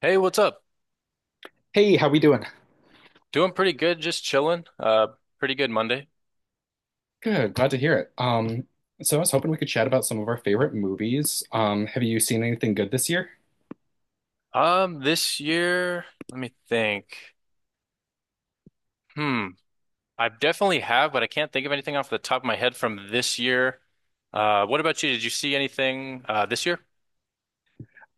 Hey, what's up? Hey, how we doing? Doing pretty good, just chilling. Pretty good Monday. Good, glad to hear it. So I was hoping we could chat about some of our favorite movies. Have you seen anything good this year? This year, let me think. Hmm, I definitely have, but I can't think of anything off the top of my head from this year. What about you? Did you see anything this year?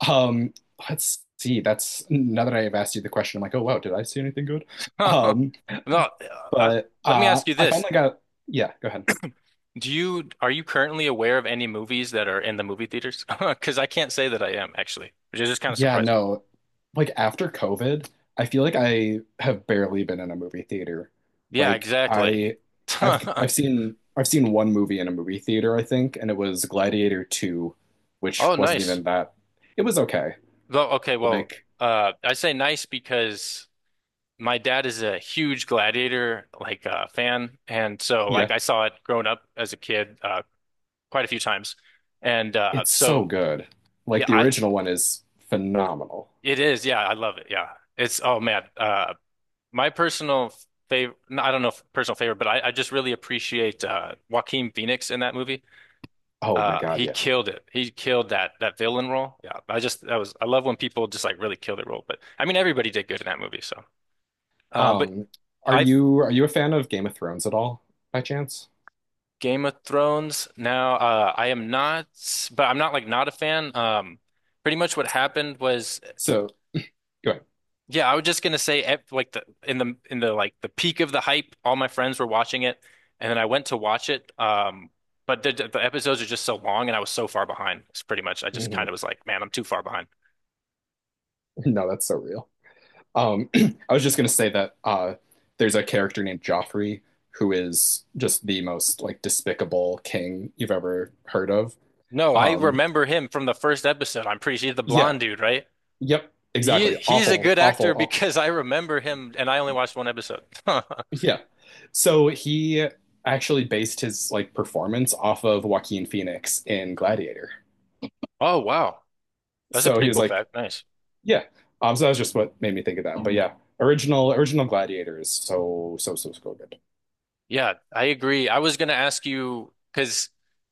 Um, let's see. That's now that I have asked you the question, I'm like, oh wow, did I see anything good? Um, No, I, but let me uh, ask you I this. finally got. Yeah, go ahead. Do you Are you currently aware of any movies that are in the movie theaters? Because I can't say that I am actually, which is just kind of Yeah, surprising. no. Like after COVID, I feel like I have barely been in a movie theater. Yeah, Like exactly. I I've seen one movie in a movie theater, I think, and it was Gladiator 2, Oh, which wasn't nice. even that. It was okay. Though, okay, well, Like, I say nice because my dad is a huge Gladiator fan, and so like yeah, I saw it growing up as a kid quite a few times, and it's so so good. Like yeah, the I original one is phenomenal. it is, yeah, I love it, yeah, it's oh man, my personal favorite, I don't know if personal favorite, but I just really appreciate Joaquin Phoenix in that movie. Oh my God, He yeah. killed it. He killed that villain role. Yeah, I just, that was, I love when people just like really kill their role, but I mean everybody did good in that movie so. But Um, are I you are you a fan of Game of Thrones at all by chance? Game of Thrones now. I am not, but I'm not like not a fan. Pretty much what happened was, So, go ahead. yeah, I was just gonna say, at, like the peak of the hype, all my friends were watching it, and then I went to watch it. But the episodes are just so long, and I was so far behind. It's pretty much, I just kind hmm of was like, man, I'm too far behind. No, that's so real. I was just gonna say that there's a character named Joffrey who is just the most like despicable king you've ever heard of. No, I Um, remember him from the first episode. I'm pretty sure he's the yeah, blonde dude, right? yep, exactly. He's a Awful, good awful, actor awful. because I remember him and I only watched one episode. Yeah. So he actually based his like performance off of Joaquin Phoenix in Gladiator. Oh wow. That's a So he pretty was cool like, fact. Nice. yeah. So that was just what made me think of that. But yeah, original original Gladiator is so so so so good. Yeah, I agree. I was gonna ask you because,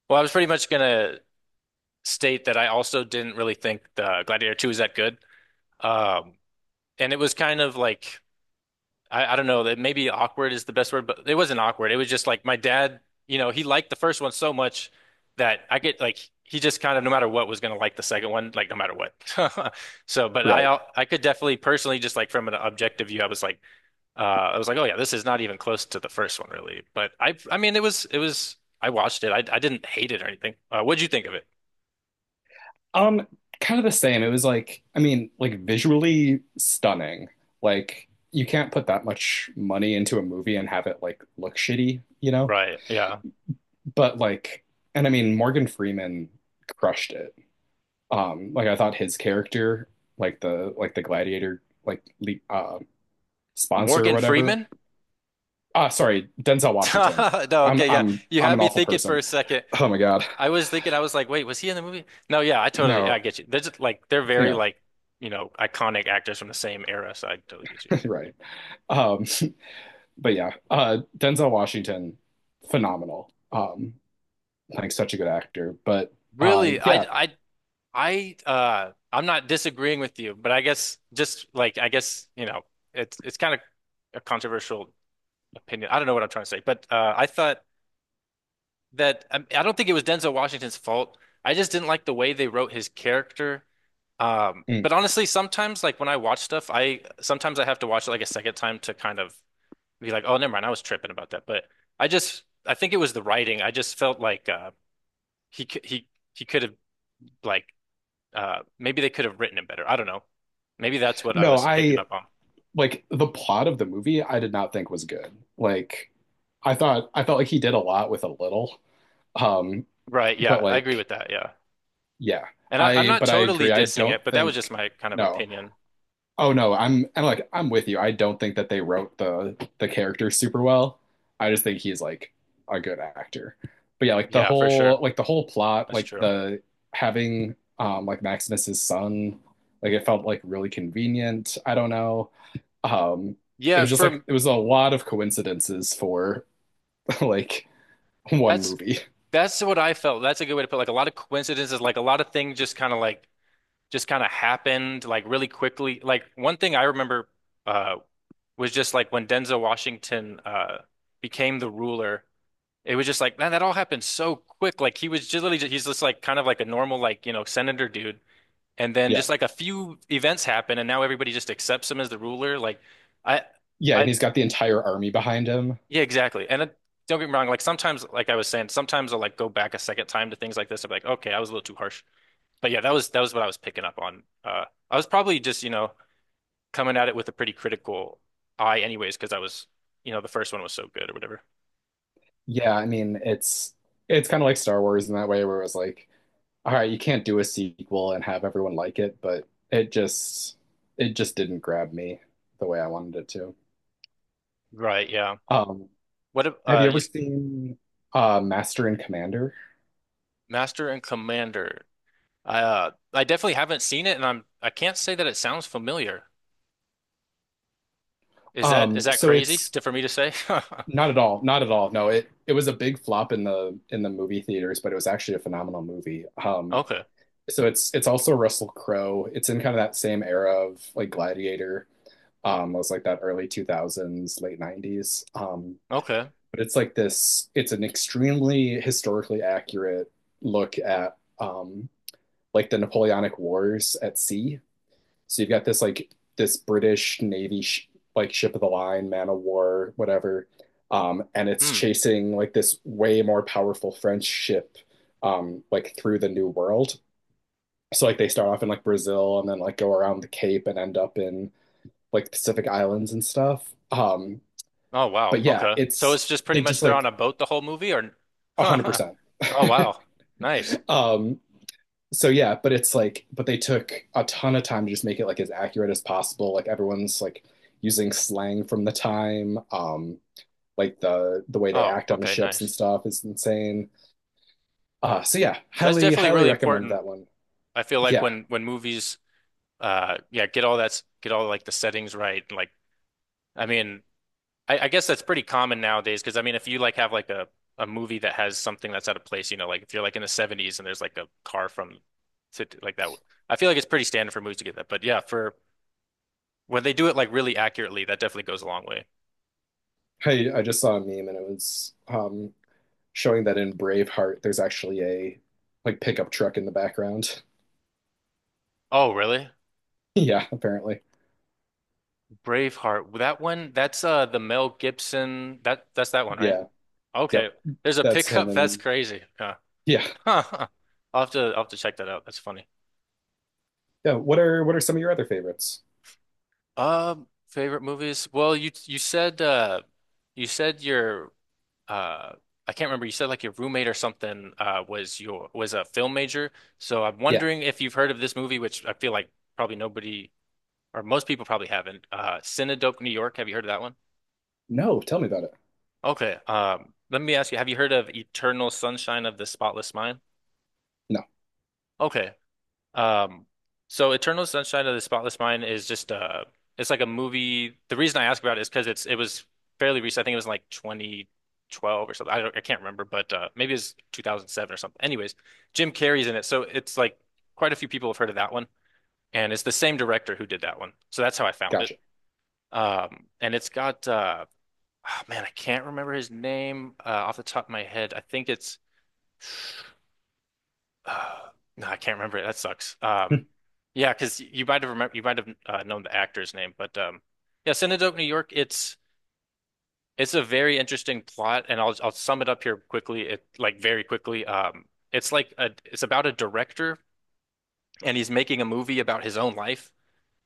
well, I was pretty much gonna state that I also didn't really think the Gladiator 2 was that good. Um and it was kind of like, I don't know that maybe awkward is the best word, but it wasn't awkward. It was just like my dad, you know, he liked the first one so much that I get like he just kind of no matter what was going to like the second one, like no matter what. So, but Right. I could definitely personally just like from an objective view, I was like, I was like, oh yeah, this is not even close to the first one really. But I mean it was, it was, I watched it. I didn't hate it or anything. What'd you think of it? Um, Kind of the same. It was like, I mean, like visually stunning. Like you can't put that much money into a movie and have it like look shitty, you know? Right. Yeah. But like, and I mean, Morgan Freeman crushed it. Like I thought his character, like the gladiator, like sponsor or Morgan whatever. Freeman? Ah, sorry, Denzel Washington. No, I'm okay, yeah. I'm You I'm had an me awful thinking for person. a second. Oh my God. I was thinking, I was like, wait, was he in the movie? No, yeah, I totally, I No. get you. They're just like, they're very Yeah, like, you know, iconic actors from the same era, so I totally get you. right. Um, but yeah, Denzel Washington, phenomenal. Like such a good actor. But Really, yeah, I, I'm not disagreeing with you, but I guess just like, I guess, you know, it's kind of a controversial opinion. I don't know what I'm trying to say, but, I thought that I don't think it was Denzel Washington's fault. I just didn't like the way they wrote his character. Mm, But honestly, sometimes like when I watch stuff, I sometimes I have to watch it like a second time to kind of be like, oh, never mind, I was tripping about that. But I think it was the writing. I just felt like he c- he could have like, maybe they could have written it better. I don't know. Maybe that's what I no, was picking I up on. like the plot of the movie. I did not think was good. Like I thought, I felt like he did a lot with a little. Um, Right? but Yeah, I agree like with that. Yeah, yeah. and I'm I not but I totally agree. I dissing don't it, but that was just think my kind of no. opinion. Oh no, I'm and like I'm with you. I don't think that they wrote the character super well. I just think he's like a good actor. But yeah, like the Yeah, for whole sure, like the whole plot, that's like true. the having like Maximus's son, like it felt like really convenient. I don't know. Um it Yeah, was just like for it was a lot of coincidences for like one That's movie. that's what I felt. That's a good way to put it. Like a lot of coincidences, like a lot of things just kind of like just kind of happened like really quickly. Like one thing I remember uh was just like when Denzel Washington became the ruler, it was just like man, that all happened so quick. Like he was just literally just, he's just like kind of like a normal like, you know, senator dude. And then Yeah. just like a few events happen and now everybody just accepts him as the ruler. Like I Yeah, and I he's got the entire army behind him. yeah, exactly. And it, don't get me wrong, like sometimes, like I was saying, sometimes I'll like go back a second time to things like this. I'm like, okay, I was a little too harsh. But yeah, that was what I was picking up on. I was probably just, you know, coming at it with a pretty critical eye anyways, because I was, you know, the first one was so good or whatever. Yeah, I mean, it's kind of like Star Wars in that way where it was like, all right, you can't do a sequel and have everyone like it, but it just didn't grab me the way I wanted it to. Right, yeah. Um, What if, have you you ever s- seen Master and Commander? Master and Commander. I definitely haven't seen it and I'm I can't say that it sounds familiar. Is that So crazy it's to, for me to say? not at all, not at all. No, it was a big flop in the movie theaters, but it was actually a phenomenal movie. Okay. So it's also Russell Crowe. It's in kind of that same era of like Gladiator. It was like that early 2000s, late 90s. Okay. But it's like this, it's an extremely historically accurate look at like the Napoleonic Wars at sea. So you've got this like this British Navy sh like ship of the line, man of war, whatever. And it's Hmm. chasing like this way more powerful French ship like through the New World. So like they start off in like Brazil and then like go around the Cape and end up in like Pacific Islands and stuff. Oh wow. But yeah, Okay. So it's it's just pretty they just much they're on like a boat the whole movie or one hundred oh percent. wow. Nice. Um, so yeah, but it's like, but they took a ton of time to just make it like as accurate as possible. Like everyone's like using slang from the time. Like the way they Oh, act on the okay, ships and nice. stuff is insane. So yeah, That's highly definitely highly really recommend important. that one. I feel like Yeah, when movies, yeah, get all that's get all like the settings right. And, like I mean, I guess that's pretty common nowadays because I mean if you like have like a movie that has something that's out of place, you know, like if you're like in the 70s and there's like a car from like that, I feel like it's pretty standard for movies to get that. But yeah, for when they do it like really accurately, that definitely goes a long way. I just saw a meme and it was showing that in Braveheart there's actually a like pickup truck in the background. Oh, really? Yeah, apparently. Braveheart. That one, that's the Mel Gibson. That's that one, right? Yeah, Okay. yep, There's a that's him pickup. That's and crazy. Yeah. yeah. I'll I'll have to check that out. That's funny. Yeah. What are some of your other favorites? Favorite movies? Well, you said your uh I can't remember. You said like your roommate or something was a film major. So I'm Yeah. wondering if you've heard of this movie, which I feel like probably nobody or most people probably haven't. Cinedope, New York. Have you heard of that one? No, tell me about it. Okay. Let me ask you, have you heard of Eternal Sunshine of the Spotless Mind? No. Okay. Um, so Eternal Sunshine of the Spotless Mind is just it's like a movie. The reason I ask about it is because it was fairly recent. I think it was in like 2012 or something. I can't remember, but maybe it's 2007 or something. Anyways, Jim Carrey's in it. So it's like quite a few people have heard of that one. And it's the same director who did that one. So that's how I found it. Gotcha. And it's got oh, man, I can't remember his name off the top of my head. I think it's Uh, no, I can't remember it. That sucks. Hmm. Yeah, because you might have known the actor's name, but yeah, Cinedope New York. It's a very interesting plot, and I'll sum it up here quickly. It Like very quickly. It's like a, it's about a director, and he's making a movie about his own life,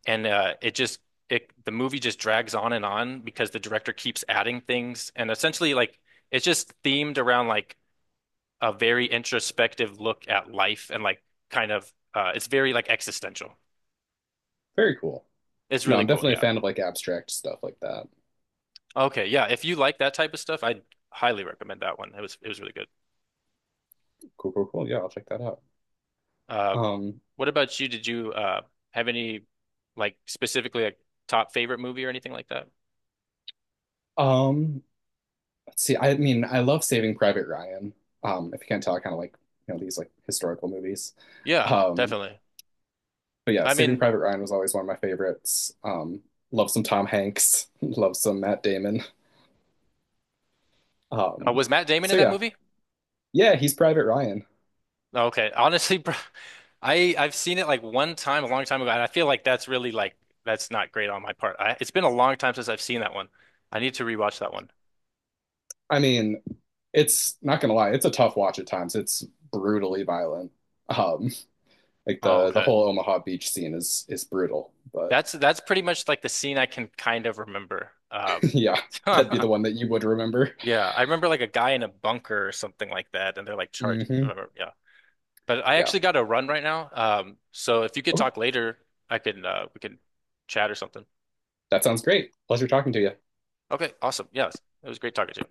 and it just, it the movie just drags on and on because the director keeps adding things, and essentially like it's just themed around like a very introspective look at life and like kind of it's very like existential. Very cool. It's No, really I'm cool, definitely a yeah. fan of like abstract stuff like that. Okay, yeah. If you like that type of stuff, I highly recommend that one. It was really good. Cool, cool, cool. Yeah, I'll check that out. Uh, Um, what about you? Did you have any like specifically like top favorite movie or anything like that? um, let's see. I mean, I love Saving Private Ryan. If you can't tell, I kind of like, you know, these like historical movies. Yeah, Um, definitely. but yeah, I Saving mean, Private Ryan was always one of my favorites. Love some Tom Hanks, love some Matt Damon. Um, was Matt Damon so in that yeah. movie? Yeah, he's Private Ryan. Okay, honestly, bro, I've seen it like one time a long time ago, and I feel like that's really like that's not great on my part. It's been a long time since I've seen that one. I need to rewatch that one. I mean, it's not gonna lie, it's a tough watch at times. It's brutally violent. Um, like Oh, the okay. whole Omaha Beach scene is brutal, but That's pretty much like the scene I can kind of remember. Yeah, that'd be the one that you would remember. yeah, I remember like a guy in a bunker or something like that, and they're like charged. Hmm. Remember, yeah, but I Yeah, actually got to run right now. So if you could okay, talk later, I can we can chat or something. that sounds great. Pleasure talking to you. Okay, awesome. Yes, it was great talking to you.